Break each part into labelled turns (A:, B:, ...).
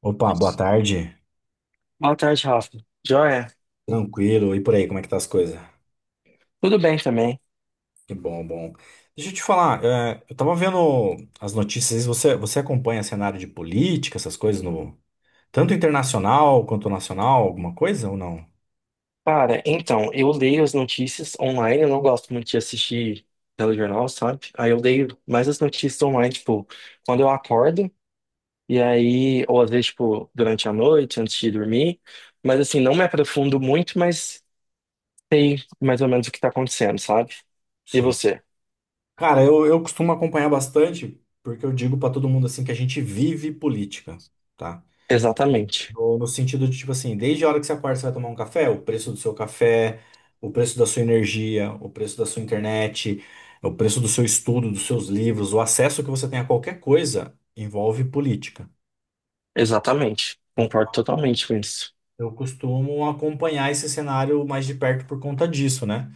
A: Opa, boa tarde.
B: Boa tarde, Rafa. Joia?
A: Tranquilo. E por aí, como é que tá as coisas?
B: Tudo bem também.
A: Que bom, bom. Deixa eu te falar, eu tava vendo as notícias, você acompanha cenário de política, essas coisas no tanto internacional quanto nacional, alguma coisa ou não?
B: Cara, então, eu leio as notícias online, eu não gosto muito de assistir telejornal, sabe? Aí eu leio mais as notícias online, tipo, quando eu acordo, e aí, ou às vezes, tipo, durante a noite, antes de dormir. Mas assim, não me aprofundo muito, mas sei mais ou menos o que tá acontecendo, sabe? E
A: Sim.
B: você?
A: Cara, eu costumo acompanhar bastante, porque eu digo pra todo mundo assim que a gente vive política, tá?
B: Exatamente.
A: No sentido de, tipo assim, desde a hora que você acorda, você vai tomar um café, o preço do seu café, o preço da sua energia, o preço da sua internet, o preço do seu estudo, dos seus livros, o acesso que você tem a qualquer coisa envolve política.
B: Exatamente. Concordo totalmente com isso.
A: Eu costumo acompanhar esse cenário mais de perto por conta disso, né?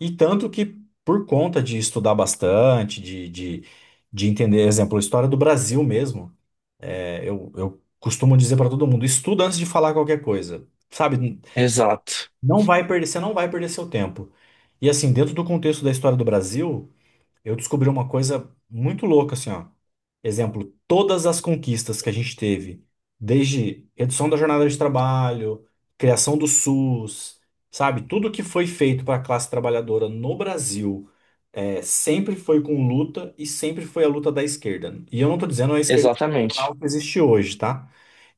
A: E tanto que por conta de estudar bastante, de entender, exemplo, a história do Brasil mesmo, eu costumo dizer para todo mundo, estuda antes de falar qualquer coisa. Sabe.
B: Exato.
A: Você não vai perder seu tempo. E assim, dentro do contexto da história do Brasil, eu descobri uma coisa muito louca, assim, ó. Exemplo, todas as conquistas que a gente teve, desde redução da jornada de trabalho, criação do SUS, sabe? Tudo que foi feito para a classe trabalhadora no Brasil, sempre foi com luta e sempre foi a luta da esquerda. E eu não estou dizendo a esquerda
B: Exatamente.
A: institucional que existe hoje, tá?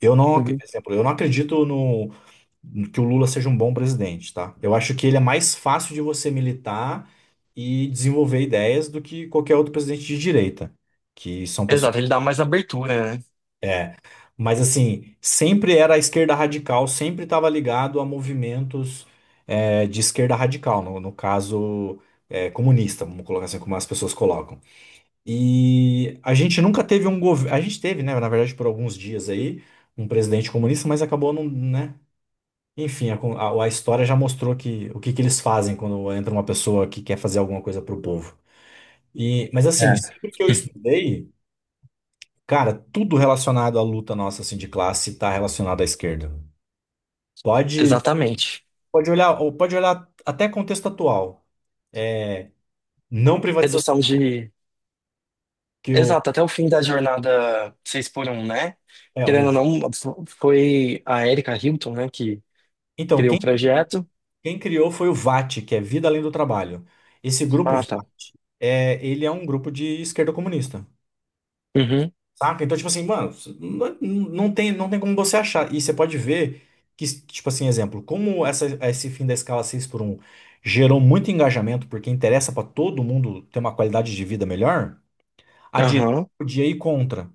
A: Eu não, ac-
B: Uhum.
A: Exemplo, eu não acredito no que o Lula seja um bom presidente, tá? Eu acho que ele é mais fácil de você militar e desenvolver ideias do que qualquer outro presidente de direita, que são pessoas.
B: Exato, ele dá mais abertura, né?
A: Mas assim, sempre era a esquerda radical, sempre estava ligado a movimentos de esquerda radical, no caso comunista, vamos colocar assim como as pessoas colocam. E a gente nunca teve um governo, a gente teve, né, na verdade, por alguns dias aí, um presidente comunista, mas acabou não, né? Enfim, a história já mostrou que o que, que eles fazem quando entra uma pessoa que quer fazer alguma coisa pro povo. E, mas assim,
B: É.
A: sempre que eu estudei, cara, tudo relacionado à luta nossa assim de classe tá relacionado à esquerda. Pode,
B: Exatamente.
A: pode olhar, ou pode olhar até contexto atual. é, Não privatização,
B: Redução de.
A: que o,
B: Exato, até o fim da jornada 6 por um, né?
A: é, o
B: Querendo ou não, foi a Erika Hilton, né, que
A: então
B: criou o
A: quem criou,
B: projeto.
A: quem criou foi o VAT, que é Vida Além do Trabalho. Esse grupo
B: Ah, tá.
A: ele é um grupo de esquerda comunista.
B: Uhum,
A: Saca? Então, tipo assim, mano, não tem como você achar. E você pode ver que, tipo assim, exemplo, como essa, esse fim da escala 6x1 gerou muito engajamento, porque interessa pra todo mundo ter uma qualidade de vida melhor, a direita
B: aham.
A: podia ir contra.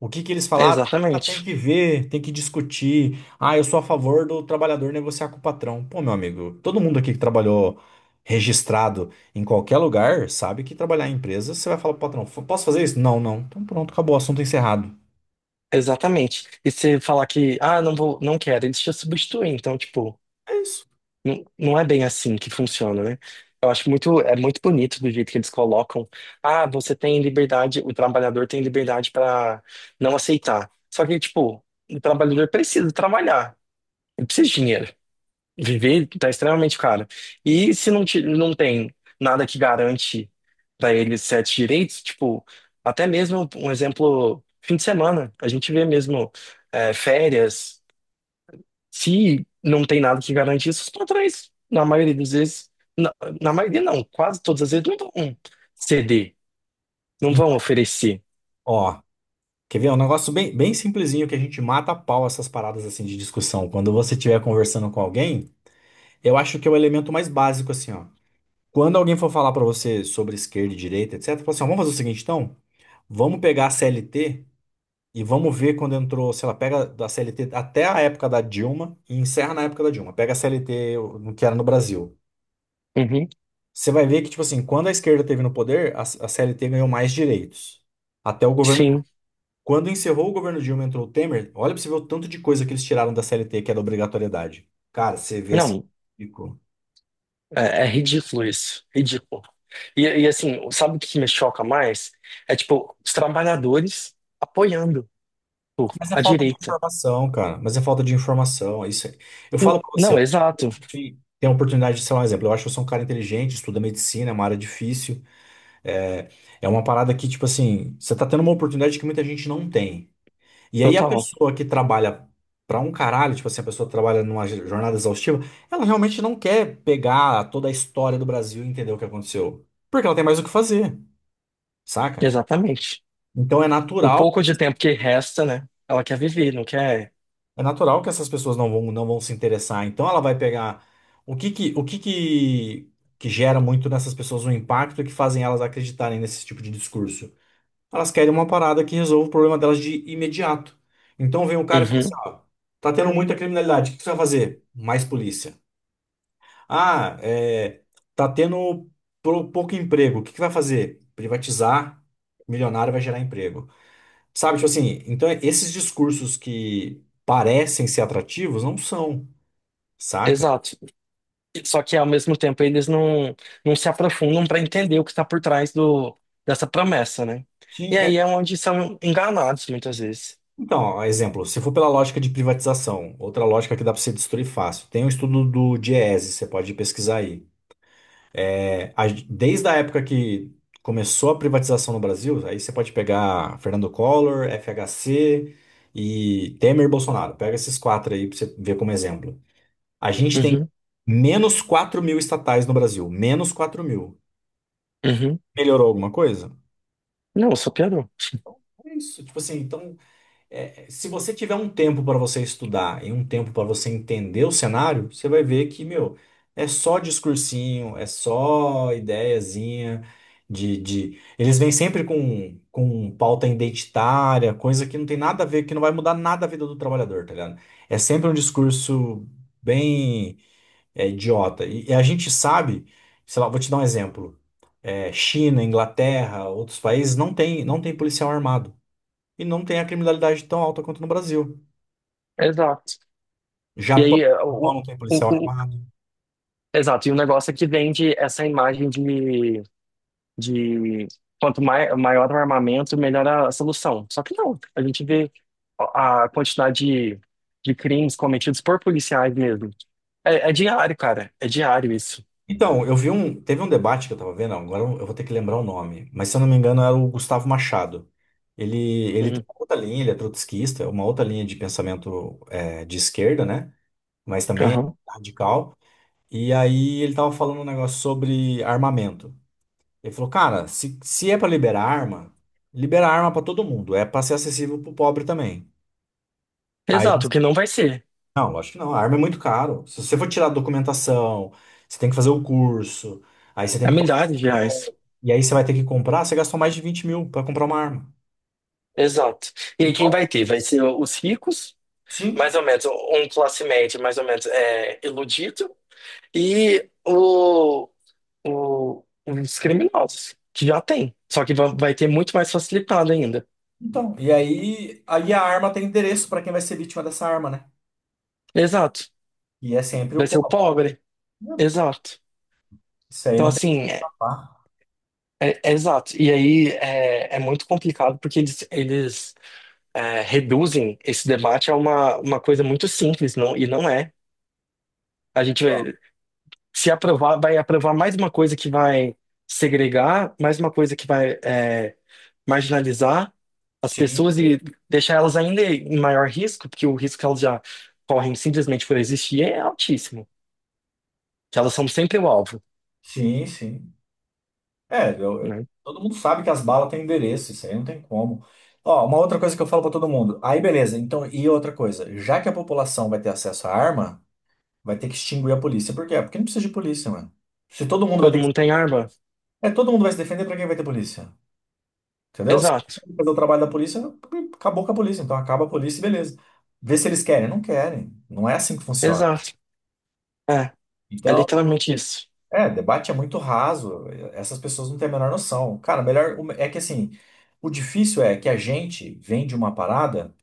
A: O que que eles falaram? Ah, tem
B: Exatamente.
A: que ver, tem que discutir. Ah, eu sou a favor do trabalhador negociar com o patrão. Pô, meu amigo, todo mundo aqui que trabalhou registrado em qualquer lugar sabe que trabalhar em empresa, você vai falar pro patrão, posso fazer isso? Não, não. Então pronto, acabou, assunto encerrado.
B: Exatamente. E você falar que, ah, não vou, não quero, eles te substituem. Então, tipo,
A: É isso.
B: não, não é bem assim que funciona, né? Eu acho muito, é muito bonito do jeito que eles colocam. Ah, você tem liberdade, o trabalhador tem liberdade para não aceitar. Só que, tipo, o trabalhador precisa trabalhar, ele precisa de dinheiro. Viver tá extremamente caro. E se não, não tem nada que garante para ele certos direitos, tipo, até mesmo um exemplo, fim de semana, a gente vê mesmo férias. Se não tem nada que garante isso, os patrões, na maioria das vezes, na, na maioria não, quase todas as vezes, não vão ceder, não vão
A: Então,
B: oferecer.
A: ó, quer ver? É um negócio bem, bem simplesinho que a gente mata a pau essas paradas assim de discussão. Quando você estiver conversando com alguém, eu acho que é o elemento mais básico assim, ó. Quando alguém for falar pra você sobre esquerda e direita, etc, fala assim, ó, vamos fazer o seguinte então, vamos pegar a CLT e vamos ver quando entrou, sei lá, pega da CLT até a época da Dilma e encerra na época da Dilma. Pega a CLT o que era no Brasil.
B: Uhum,
A: Você vai ver que, tipo assim, quando a esquerda teve no poder, a CLT ganhou mais direitos. Até o governo
B: sim.
A: Quando encerrou o governo Dilma, e entrou o Temer, olha pra você ver o tanto de coisa que eles tiraram da CLT, que era obrigatoriedade. Cara, você vê assim.
B: Não,
A: Ficou.
B: é ridículo isso, ridículo. E assim, sabe o que me choca mais? É tipo, os trabalhadores apoiando pô,
A: Mas é
B: a
A: falta de
B: direita.
A: informação, cara. Mas é falta de informação. É isso. Eu
B: N-
A: falo pra
B: Não,
A: você,
B: exato,
A: tem a oportunidade de ser um exemplo. Eu acho que eu sou um cara inteligente, estuda medicina, é uma área difícil. É, é uma parada que, tipo assim, você tá tendo uma oportunidade que muita gente não tem. E aí a
B: total,
A: pessoa que trabalha pra um caralho, tipo assim, a pessoa que trabalha numa jornada exaustiva, ela realmente não quer pegar toda a história do Brasil e entender o que aconteceu, porque ela tem mais o que fazer, saca?
B: exatamente.
A: Então é
B: O
A: natural,
B: pouco de tempo que resta, né? Ela quer viver, não quer.
A: é natural que essas pessoas não vão se interessar. Então ela vai pegar o que que que gera muito nessas pessoas um impacto e que fazem elas acreditarem nesse tipo de discurso. Elas querem uma parada que resolva o problema delas de imediato. Então vem um cara e fala assim,
B: Uhum,
A: ó, tá tendo muita criminalidade, o que você vai fazer? Mais polícia. Ah, tá tendo pouco emprego, o que que vai fazer? Privatizar, milionário vai gerar emprego. Sabe, tipo assim, então esses discursos que parecem ser atrativos não são, saca?
B: exato. Só que ao mesmo tempo eles não se aprofundam para entender o que está por trás dessa promessa, né?
A: Ti-
B: E
A: é,
B: aí é onde são enganados muitas vezes.
A: Então, ó, exemplo, se for pela lógica de privatização, outra lógica que dá para você destruir fácil. Tem um estudo do Diese, você pode pesquisar aí desde a época que começou a privatização no Brasil, aí você pode pegar Fernando Collor, FHC e Temer e Bolsonaro. Pega esses quatro aí para você ver como exemplo. A gente tem
B: Uhum,
A: menos 4.000 estatais no Brasil, menos 4.000.
B: uhum.
A: Melhorou alguma coisa?
B: Não, só piorou.
A: É isso. Tipo assim, então se você tiver um tempo para você estudar e um tempo para você entender o cenário, você vai ver que, meu, é só discursinho, é só ideiazinha. Eles vêm sempre com, pauta identitária, coisa que não tem nada a ver, que não vai mudar nada a vida do trabalhador, tá ligado? É sempre um discurso bem idiota. E a gente sabe, sei lá, vou te dar um exemplo. É, China, Inglaterra, outros países não tem policial armado. E não tem a criminalidade tão alta quanto no Brasil.
B: Exato. E
A: Japão,
B: aí,
A: Japão não tem
B: o,
A: policial
B: o-
A: armado.
B: exato, e o negócio é que vende essa imagem de quanto maior o armamento, melhor a solução. Só que não, a gente vê a quantidade de crimes cometidos por policiais mesmo. É diário, cara, é diário isso.
A: Então, eu vi um. Teve um debate que eu tava vendo, agora eu vou ter que lembrar o nome, mas se eu não me engano era o Gustavo Machado. Ele, ele tem uma outra linha, ele é trotskista, uma outra linha de pensamento de esquerda, né? Mas também
B: Uhum.
A: é radical. E aí ele tava falando um negócio sobre armamento. Ele falou, cara, se é pra liberar arma, libera arma pra todo mundo, é pra ser acessível pro pobre também. Aí.
B: Exato, o que não vai ser.
A: Não, lógico que não. A arma é muito caro. Se você for tirar a documentação, você tem que fazer o curso, aí você tem
B: É
A: que passar.
B: milhares de reais.
A: E aí você vai ter que comprar, você gastou mais de 20.000 pra comprar uma arma.
B: Exato. E aí quem vai ter? Vai ser os ricos, mais
A: Sim.
B: ou menos, um classe média mais ou menos é, iludido, e os criminosos, que já tem. Só que vai ter muito mais facilitado ainda.
A: Então, e aí a arma tem endereço para quem vai ser vítima dessa arma, né?
B: Exato.
A: E é sempre
B: Vai
A: o
B: ser o
A: pobre.
B: pobre.
A: Né?
B: Exato.
A: Isso aí
B: Então,
A: não tem
B: assim, é,
A: papá.
B: é- é exato. E aí é muito complicado porque eles reduzem esse debate a uma coisa muito simples, não, e não é. A gente, se aprovar, vai aprovar mais uma coisa que vai segregar, mais uma coisa que vai marginalizar as
A: Sim,
B: pessoas e deixar elas ainda em maior risco, porque o risco que elas já correm simplesmente por existir é altíssimo, que elas são sempre o alvo,
A: sim, sim. É,
B: né?
A: todo mundo sabe que as balas têm endereço, isso aí não tem como. Ó, uma outra coisa que eu falo para todo mundo. Aí, beleza. Então, e outra coisa, já que a população vai ter acesso à arma, vai ter que extinguir a polícia. Por quê? Porque não precisa de polícia, mano. Se todo mundo vai. É. Ter
B: Todo mundo
A: que.
B: tem arma?
A: É, todo mundo vai se defender, pra quem vai ter polícia? Entendeu? Se
B: Exato,
A: fazer o trabalho da polícia, acabou com a polícia. Então acaba a polícia e beleza. Vê se eles querem. Não querem. Não é assim que funciona.
B: exato. É, é
A: Então,
B: literalmente isso.
A: debate é muito raso. Essas pessoas não têm a menor noção. Cara, melhor. É que assim, o difícil é que a gente vem de uma parada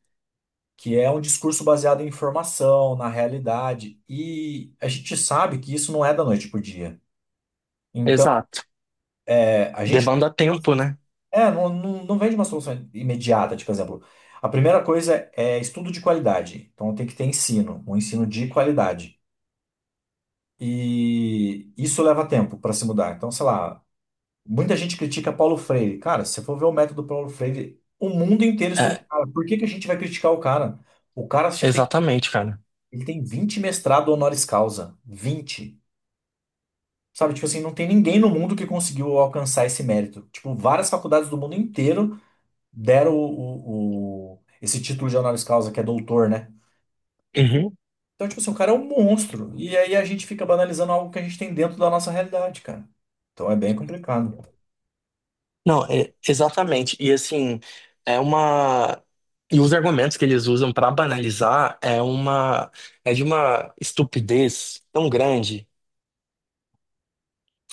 A: que é um discurso baseado em informação, na realidade. E a gente sabe que isso não é da noite pro dia. Então,
B: Exato.
A: é a gente
B: Demanda tempo, né?
A: É, Não, não, não vem de uma solução imediata, tipo, por exemplo. A primeira coisa é estudo de qualidade. Então tem que ter ensino, um ensino de qualidade. E isso leva tempo para se mudar. Então, sei lá, muita gente critica Paulo Freire. Cara, se você for ver o método Paulo Freire, o mundo inteiro estuda o
B: É,
A: cara. Por que que a gente vai criticar o cara? O cara acho que tem,
B: exatamente, cara.
A: ele tem 20 mestrado honoris causa. 20. Sabe, tipo assim, não tem ninguém no mundo que conseguiu alcançar esse mérito. Tipo, várias faculdades do mundo inteiro deram esse título de honoris causa, que é doutor, né?
B: Uhum.
A: Então, tipo assim, o cara é um monstro. E aí a gente fica banalizando algo que a gente tem dentro da nossa realidade, cara. Então é bem complicado.
B: Não, exatamente. E assim, é uma. E os argumentos que eles usam para banalizar é uma. É de uma estupidez tão grande.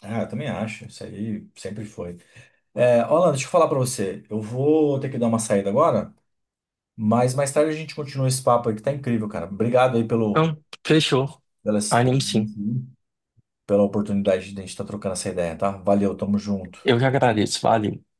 A: Ah, eu também acho. Isso aí sempre foi. É, Orlando, deixa eu falar pra você. Eu vou ter que dar uma saída agora, mas mais tarde a gente continua esse papo aí que tá incrível, cara. Obrigado aí
B: Então, fechou.
A: pela
B: Anime sim.
A: experiência, aí, pela oportunidade de a gente estar trocando essa ideia, tá? Valeu, tamo junto.
B: Eu que agradeço. Valeu.